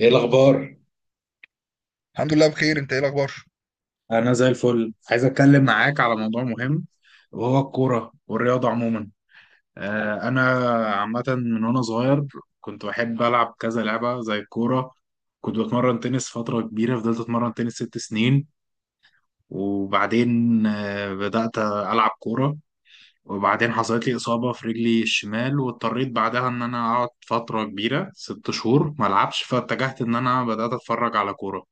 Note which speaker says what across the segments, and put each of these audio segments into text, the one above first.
Speaker 1: ايه الاخبار؟
Speaker 2: الحمد لله بخير. انت ايه الاخبار؟
Speaker 1: انا زي الفل. عايز اتكلم معاك على موضوع مهم، وهو الكوره والرياضه عموما. انا عامه من وانا صغير كنت بحب العب كذا لعبه زي الكوره. كنت بتمرن تنس فتره كبيره، فضلت اتمرن تنس ست سنين. وبعدين بدات العب كوره. وبعدين حصلت لي اصابه في رجلي الشمال، واضطريت بعدها ان انا اقعد فتره كبيره ست شهور ما العبش، فاتجهت ان انا بدات اتفرج على كوره.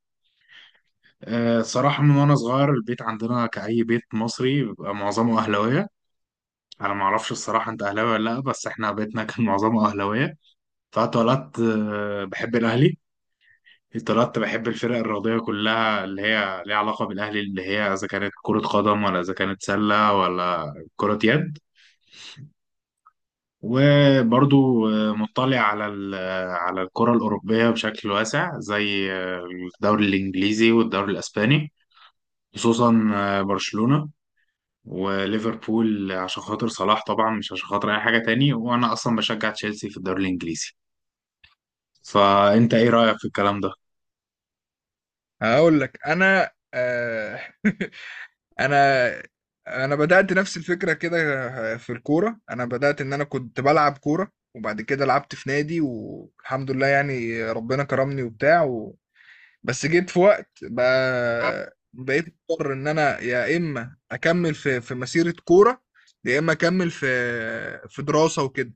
Speaker 1: صراحة من وأنا صغير البيت عندنا كأي بيت مصري بيبقى معظمه أهلاوية. أنا معرفش الصراحة أنت أهلاوي ولا لأ، بس إحنا بيتنا كان معظمه أهلاوية. فاتولدت بحب الأهلي. اتولدت بحب الفرق الرياضية كلها اللي هي ليها علاقة بالأهلي، اللي هي إذا كانت كرة قدم ولا إذا كانت سلة ولا كرة يد. وبرضو مطلع على على الكرة الأوروبية بشكل واسع، زي الدوري الإنجليزي والدوري الإسباني. خصوصا برشلونة وليفربول عشان خاطر صلاح، طبعا مش عشان خاطر اي حاجه تاني، وانا اصلا بشجع تشيلسي في الدوري الانجليزي. فانت ايه رايك في الكلام ده؟
Speaker 2: هقول لك انا انا انا بدات نفس الفكره كده. في الكوره انا بدات ان انا كنت بلعب كوره، وبعد كده لعبت في نادي والحمد لله. يعني ربنا كرمني وبتاع و... بس جيت في وقت بقى، بقيت مضطر ان انا يا اما اكمل في مسيره كوره، يا اما اكمل في دراسه وكده.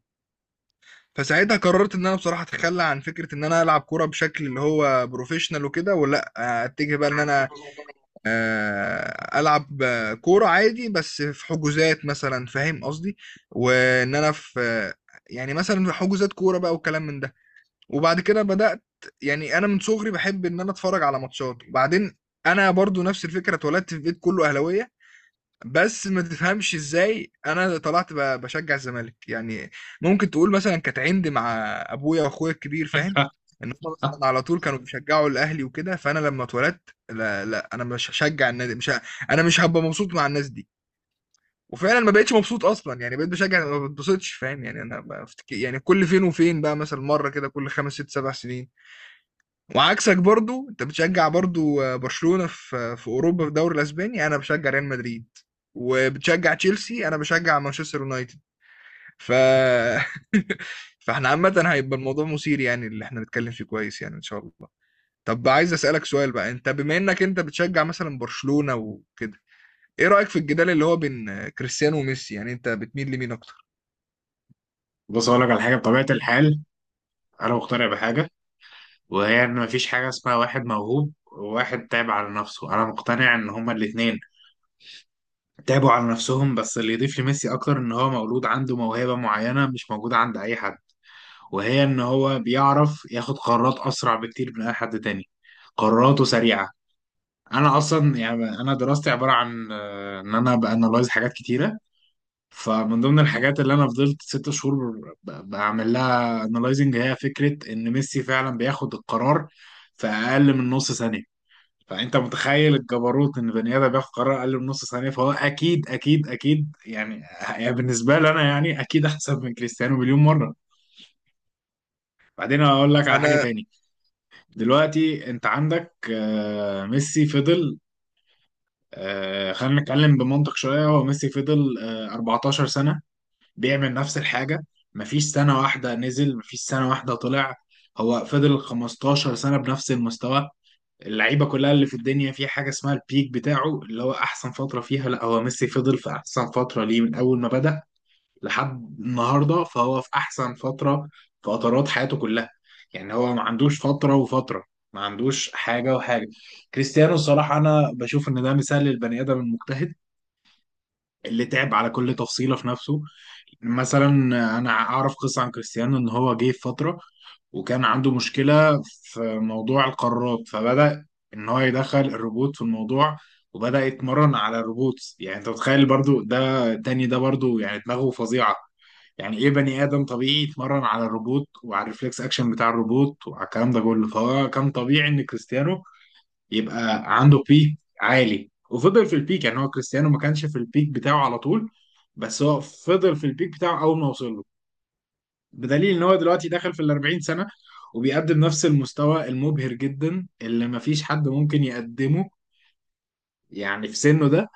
Speaker 2: فساعتها قررت ان انا بصراحه اتخلى عن فكره ان انا العب كوره بشكل اللي هو بروفيشنال وكده، ولا اتجه بقى ان انا العب كوره عادي بس في حجوزات مثلا، فاهم قصدي؟ وان انا في يعني مثلا في حجوزات كوره بقى والكلام من ده. وبعد كده بدات، يعني انا من صغري بحب ان انا اتفرج على ماتشات. وبعدين انا برضو نفس الفكره، اتولدت في بيت كله اهلاويه، بس ما تفهمش ازاي انا طلعت بشجع الزمالك يعني. ممكن تقول مثلا كانت عندي مع ابويا واخويا الكبير، فاهم؟ ان هم مثلا على طول كانوا بيشجعوا الاهلي وكده، فانا لما اتولدت لا لا، انا مش هشجع النادي، مش ه... انا مش هبقى مبسوط مع الناس دي. وفعلا ما بقتش مبسوط اصلا، يعني بقيت بشجع ما بتبسطش، فاهم يعني؟ انا بفتكر يعني كل فين وفين بقى، مثلا مره كده كل خمس ست سبع سنين. وعكسك برضو، انت بتشجع برضو برشلونة في اوروبا، في الدوري الاسباني انا بشجع ريال مدريد. وبتشجع تشيلسي، انا بشجع مانشستر يونايتد. ف فاحنا عامة هيبقى الموضوع مثير يعني، اللي احنا نتكلم فيه كويس يعني ان شاء الله. طب عايز اسألك سؤال بقى. انت بما انك انت بتشجع مثلا برشلونة وكده، ايه رأيك في الجدال اللي هو بين كريستيانو وميسي؟ يعني انت بتميل لمين اكتر؟
Speaker 1: بص اقول لك على حاجه. بطبيعه الحال انا مقتنع بحاجه، وهي ان مفيش حاجه اسمها واحد موهوب وواحد تعب على نفسه. انا مقتنع ان هما الاثنين تعبوا على نفسهم، بس اللي يضيف لميسي اكتر ان هو مولود عنده موهبه معينه مش موجوده عند اي حد، وهي ان هو بيعرف ياخد قرارات اسرع بكتير من اي حد تاني. قراراته سريعه. انا اصلا يعني انا دراستي عباره عن ان انا بانلايز حاجات كتيره. فمن ضمن الحاجات اللي انا فضلت ست شهور بعمل لها انلايزنج هي فكره ان ميسي فعلا بياخد القرار في اقل من نص ثانيه. فانت متخيل الجبروت ان بني ادم بياخد قرار اقل من نص ثانيه؟ فهو اكيد اكيد اكيد يعني. يعني بالنسبه لي انا يعني اكيد احسن من كريستيانو مليون مره. بعدين هقول لك على حاجه
Speaker 2: انا
Speaker 1: تاني. دلوقتي انت عندك ميسي فضل، آه خلينا نتكلم بمنطق شوية، هو ميسي فضل آه 14 سنة بيعمل نفس الحاجة. مفيش سنة واحدة نزل، مفيش سنة واحدة طلع. هو فضل 15 سنة بنفس المستوى. اللعيبة كلها اللي في الدنيا في حاجة اسمها البيك بتاعه اللي هو أحسن فترة فيها، لا هو ميسي فضل في أحسن فترة ليه من أول ما بدأ لحد النهارده، فهو في احسن فتره، فترات حياته كلها. يعني هو ما عندوش فتره وفتره، ما عندوش حاجه وحاجه. كريستيانو الصراحه انا بشوف ان ده مثال للبني ادم المجتهد اللي تعب على كل تفصيله في نفسه. مثلا انا اعرف قصه عن كريستيانو ان هو جه في فتره وكان عنده مشكله في موضوع القرارات، فبدا ان هو يدخل الروبوت في الموضوع، وبدا يتمرن على الروبوت. يعني انت متخيل برضو ده تاني؟ ده برضو يعني دماغه فظيعه. يعني ايه بني ادم طبيعي يتمرن على الروبوت وعلى الريفلكس اكشن بتاع الروبوت وعلى الكلام ده كله؟ فهو كان طبيعي ان كريستيانو يبقى عنده بيك عالي وفضل في البيك. يعني هو كريستيانو ما كانش في البيك بتاعه على طول، بس هو فضل في البيك بتاعه اول ما وصل له، بدليل ان هو دلوقتي داخل في ال 40 سنه وبيقدم نفس المستوى المبهر جدا اللي ما فيش حد ممكن يقدمه. يعني في سنه ده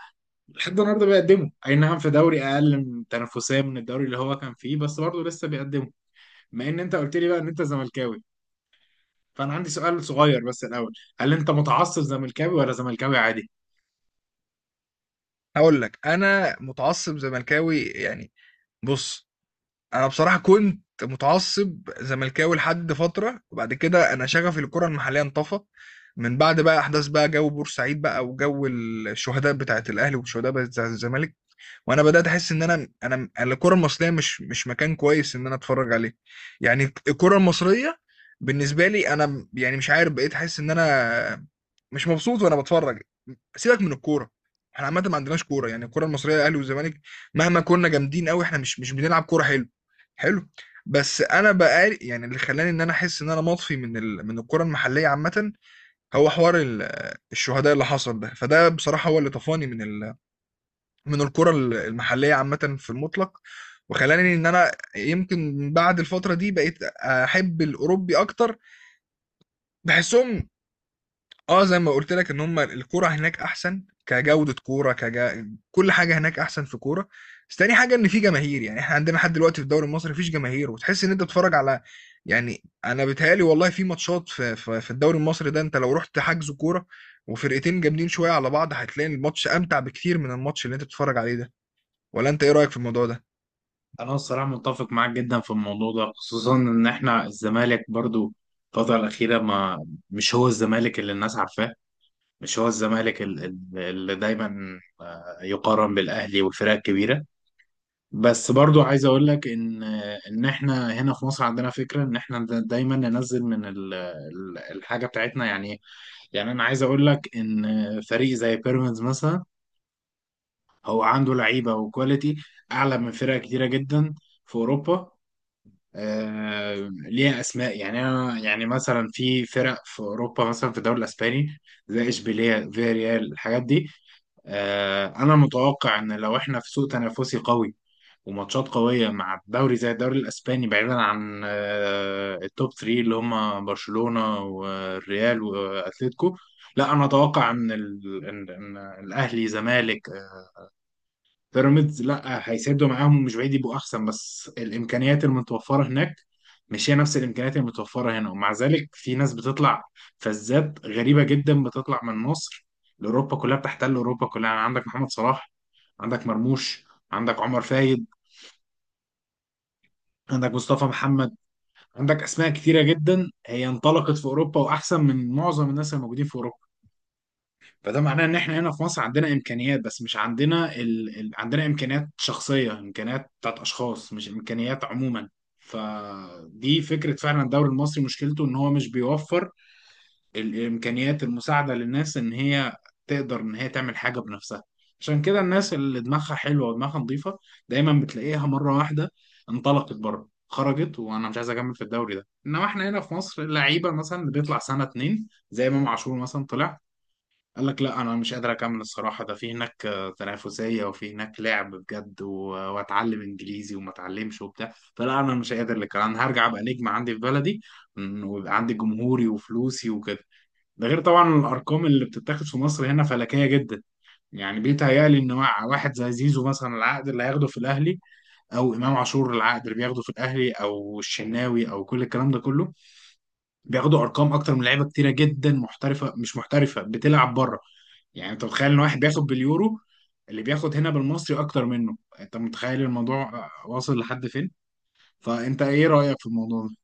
Speaker 1: لحد النهارده بيقدمه، اي نعم في دوري اقل من تنافسيه من الدوري اللي هو كان فيه، بس برضه لسه بيقدمه. بما ان انت قلت لي بقى ان انت زملكاوي، فانا عندي سؤال صغير بس الاول، هل انت متعصب زملكاوي ولا زملكاوي عادي؟
Speaker 2: هقول لك، انا متعصب زملكاوي يعني. بص، انا بصراحه كنت متعصب زملكاوي لحد فتره، وبعد كده انا شغفي للكره المحليه انطفى من بعد بقى احداث بقى جو بورسعيد بقى، وجو الشهداء بتاعت الاهلي والشهداء بتاعت الزمالك. وانا بدات احس ان انا الكره المصريه مش مكان كويس ان انا اتفرج عليه. يعني الكره المصريه بالنسبه لي انا، يعني مش عارف، بقيت احس ان انا مش مبسوط وانا بتفرج. سيبك من الكوره، احنا عامه ما عندناش كوره. يعني الكوره المصريه، الاهلي والزمالك، مهما كنا جامدين قوي احنا مش بنلعب كوره حلو. حلو. بس انا بقى، يعني اللي خلاني ان انا احس ان انا مطفي من من الكوره المحليه عامه، هو حوار الشهداء اللي حصل ده. فده بصراحه هو اللي طفاني من من الكوره المحليه عامه في المطلق. وخلاني ان انا يمكن بعد الفتره دي بقيت احب الاوروبي اكتر. بحسهم، اه زي ما قلت لك ان هم الكوره هناك احسن، كجوده كوره كل حاجه هناك احسن في كوره. بس تاني حاجه ان في جماهير. يعني احنا عندنا لحد دلوقتي في الدوري المصري مفيش جماهير، وتحس ان انت بتتفرج على، يعني انا بيتهيألي والله في ماتشات في الدوري المصري ده. انت لو رحت حجز كوره وفرقتين جامدين شويه على بعض هتلاقي الماتش امتع بكتير من الماتش اللي انت بتتفرج عليه ده. ولا انت ايه رايك في الموضوع ده؟
Speaker 1: انا الصراحه متفق معاك جدا في الموضوع ده، خصوصا ان احنا الزمالك برضو الفتره الاخيره ما مش هو الزمالك اللي الناس عارفاه. مش هو الزمالك اللي دايما يقارن بالاهلي والفرق الكبيره. بس برضو عايز اقول لك ان ان احنا هنا في مصر عندنا فكره ان احنا دايما ننزل من الحاجه بتاعتنا يعني. يعني انا عايز اقول لك ان فريق زي بيراميدز مثلا هو عنده لعيبه وكواليتي اعلى من فرق كتيره جدا في اوروبا، آه ليها اسماء. يعني انا يعني مثلا في فرق في اوروبا مثلا في الدوري الاسباني زي اشبيليه فياريال الحاجات دي. آه انا متوقع ان لو احنا في سوق تنافسي قوي وماتشات قوية مع الدوري زي الدوري الأسباني، بعيدا عن التوب 3 اللي هما برشلونة والريال وأتلتيكو، لا أنا أتوقع إن إن الأهلي زمالك بيراميدز لا هيسدوا معاهم، مش بعيد يبقوا أحسن، بس الإمكانيات المتوفرة هناك مش هي نفس الإمكانيات المتوفرة هنا. ومع ذلك في ناس بتطلع فزات غريبة جدا بتطلع من مصر لأوروبا كلها، بتحتل أوروبا كلها. يعني عندك محمد صلاح، عندك مرموش، عندك عمر فايد، عندك مصطفى محمد، عندك اسماء كتيره جدا هي انطلقت في اوروبا واحسن من معظم الناس الموجودين في اوروبا. فده معناه ان احنا هنا في مصر عندنا امكانيات، بس مش عندنا عندنا امكانيات شخصيه، امكانيات بتاعت اشخاص، مش امكانيات عموما. فدي فكره. فعلا الدوري المصري مشكلته ان هو مش بيوفر الامكانيات المساعده للناس ان هي تقدر ان هي تعمل حاجه بنفسها. عشان كده الناس اللي دماغها حلوه ودماغها نظيفه دايما بتلاقيها مره واحده انطلقت بره، خرجت وانا مش عايز اكمل في الدوري ده. انما احنا هنا في مصر اللعيبه مثلا اللي بيطلع سنه اتنين زي امام عاشور مثلا، طلع قال لك لا انا مش قادر اكمل الصراحه، ده في هناك تنافسيه وفي هناك لعب بجد، واتعلم انجليزي وما اتعلمش وبتاع، فلا انا مش قادر، لك انا هرجع ابقى نجم عندي في بلدي، ويبقى عندي جمهوري وفلوسي وكده. ده غير طبعا الارقام اللي بتتاخد في مصر هنا فلكيه جدا. يعني بيتهيألي ان مع واحد زي زيزو مثلا العقد اللي هياخده في الاهلي، او امام عاشور العقد اللي بياخده في الاهلي، او الشناوي، او كل الكلام ده كله، بياخدوا ارقام اكتر من لعيبه كتيره جدا محترفه، مش محترفه بتلعب بره. يعني انت متخيل ان واحد بياخد باليورو اللي بياخد هنا بالمصري اكتر منه؟ انت متخيل الموضوع واصل لحد فين؟ فانت ايه رأيك في الموضوع ده؟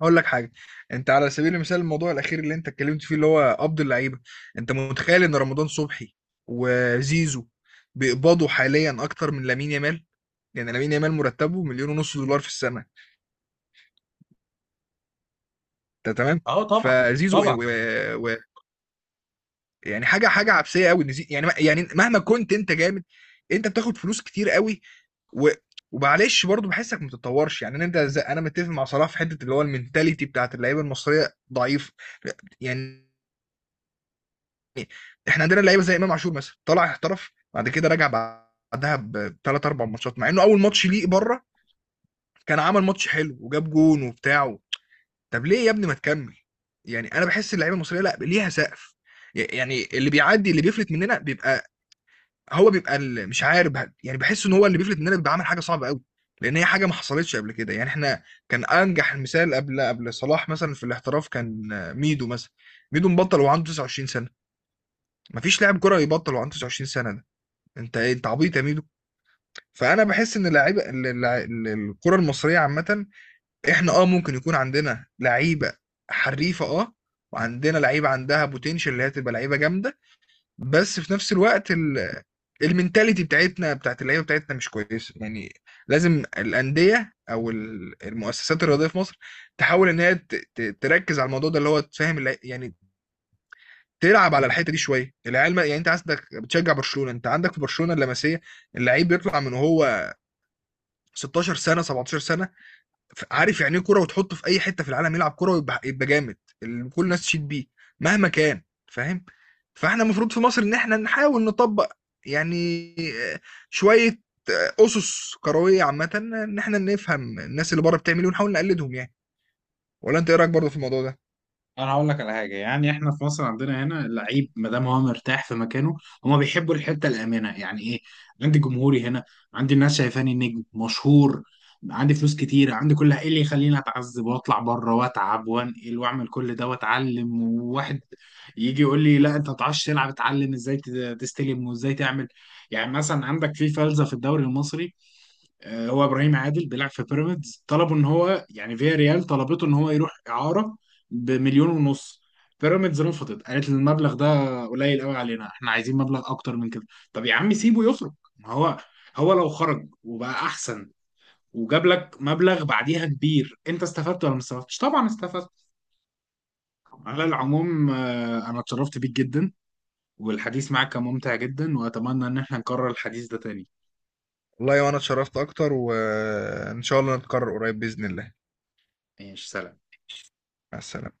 Speaker 2: هقول لك حاجه. انت على سبيل المثال، الموضوع الاخير اللي انت اتكلمت فيه اللي هو قبض اللعيبه، انت متخيل ان رمضان صبحي وزيزو بيقبضوا حاليا اكتر من لامين يامال؟ يعني لامين يامال مرتبه 1.5 مليون دولار في السنه. انت تمام؟
Speaker 1: اه طبعا.
Speaker 2: فزيزو
Speaker 1: طبعا.
Speaker 2: و... و... يعني حاجه عبثيه قوي ان زي... يعني مهما كنت انت جامد انت بتاخد فلوس كتير قوي. و... ومعلش برضه بحسك ما بتتطورش. يعني انت زي... انا متفق مع صلاح في حته اللي هو المنتاليتي بتاعت اللعيبه المصريه ضعيف يعني. احنا عندنا لعيبه زي امام عاشور مثلا، طلع احترف بعد كده رجع بعدها بثلاث اربع ماتشات، مع انه اول ماتش ليه بره كان عمل ماتش حلو وجاب جون وبتاع. طب ليه يا ابني ما تكمل؟ يعني انا بحس اللعيبه المصريه لا ليها سقف. يعني اللي بيعدي اللي بيفلت مننا بيبقى، هو بيبقى مش عارف، يعني بحس ان هو اللي بيفلت مننا بيبقى عامل حاجه صعبه قوي، لان هي حاجه ما حصلتش قبل كده. يعني احنا كان انجح المثال قبل صلاح، مثلا في الاحتراف كان ميدو مثلا. ميدو مبطل وعنده 29 سنه. مفيش لاعب كره يبطل وعنده 29 سنه. انت ايه؟ انت عبيط يا ميدو؟ فانا بحس ان اللعيبه الكره المصريه عامه، احنا اه ممكن يكون عندنا لعيبه حريفه، اه، وعندنا لعيبه عندها بوتنشال اللي هي تبقى لعيبه جامده. بس في نفس الوقت المينتاليتي بتاعتنا بتاعت اللعيبه بتاعتنا مش كويسه يعني. لازم الانديه او المؤسسات الرياضيه في مصر تحاول ان هي تركز على الموضوع ده اللي هو تفهم يعني تلعب على الحته دي شويه. العيال يعني انت عندك بتشجع برشلونه، انت عندك في برشلونه اللمسيه، اللعيب بيطلع من هو 16 سنه 17 سنه عارف يعني ايه كوره، وتحطه في اي حته في العالم يلعب كوره ويبقى يبقى جامد اللي كل الناس تشيد بيه مهما كان. فاهم؟ فاحنا المفروض في مصر ان احنا نحاول نطبق يعني آه، شويه اسس كرويه عامه، ان احنا نفهم الناس اللي بره بتعمل ايه ونحاول نقلدهم يعني. ولا انت ايه رايك برضه في الموضوع ده؟
Speaker 1: انا هقول لك على حاجه. يعني احنا في مصر عندنا هنا اللعيب ما دام هو مرتاح في مكانه، هما بيحبوا الحته الامنه. يعني ايه؟ عندي جمهوري هنا، عندي الناس شايفاني نجم مشهور، عندي فلوس كتير، عندي كل ايه اللي يخليني اتعذب واطلع بره واتعب وانقل واعمل كل ده واتعلم، وواحد يجي يقول لي لا انت ما تعرفش تلعب، اتعلم ازاي تستلم وازاي تعمل. يعني مثلا عندك في فلسفه في الدوري المصري، هو ابراهيم عادل بيلعب في بيراميدز، طلبوا ان هو يعني فيا ريال طلبته ان هو يروح اعاره بمليون ونص. بيراميدز رفضت، قالت إن المبلغ ده قليل قوي علينا، احنا عايزين مبلغ اكتر من كده. طب يا عم سيبه يخرج، ما هو هو لو خرج وبقى احسن وجاب لك مبلغ بعديها كبير، انت استفدت ولا ما استفدتش؟ طبعا استفدت. على العموم انا اتشرفت بيك جدا، والحديث معك كان ممتع جدا، واتمنى ان احنا نكرر الحديث ده تاني.
Speaker 2: والله يا، وانا اتشرفت اكتر، وان شاء الله نتكرر قريب باذن الله.
Speaker 1: ماشي سلام.
Speaker 2: مع السلامه.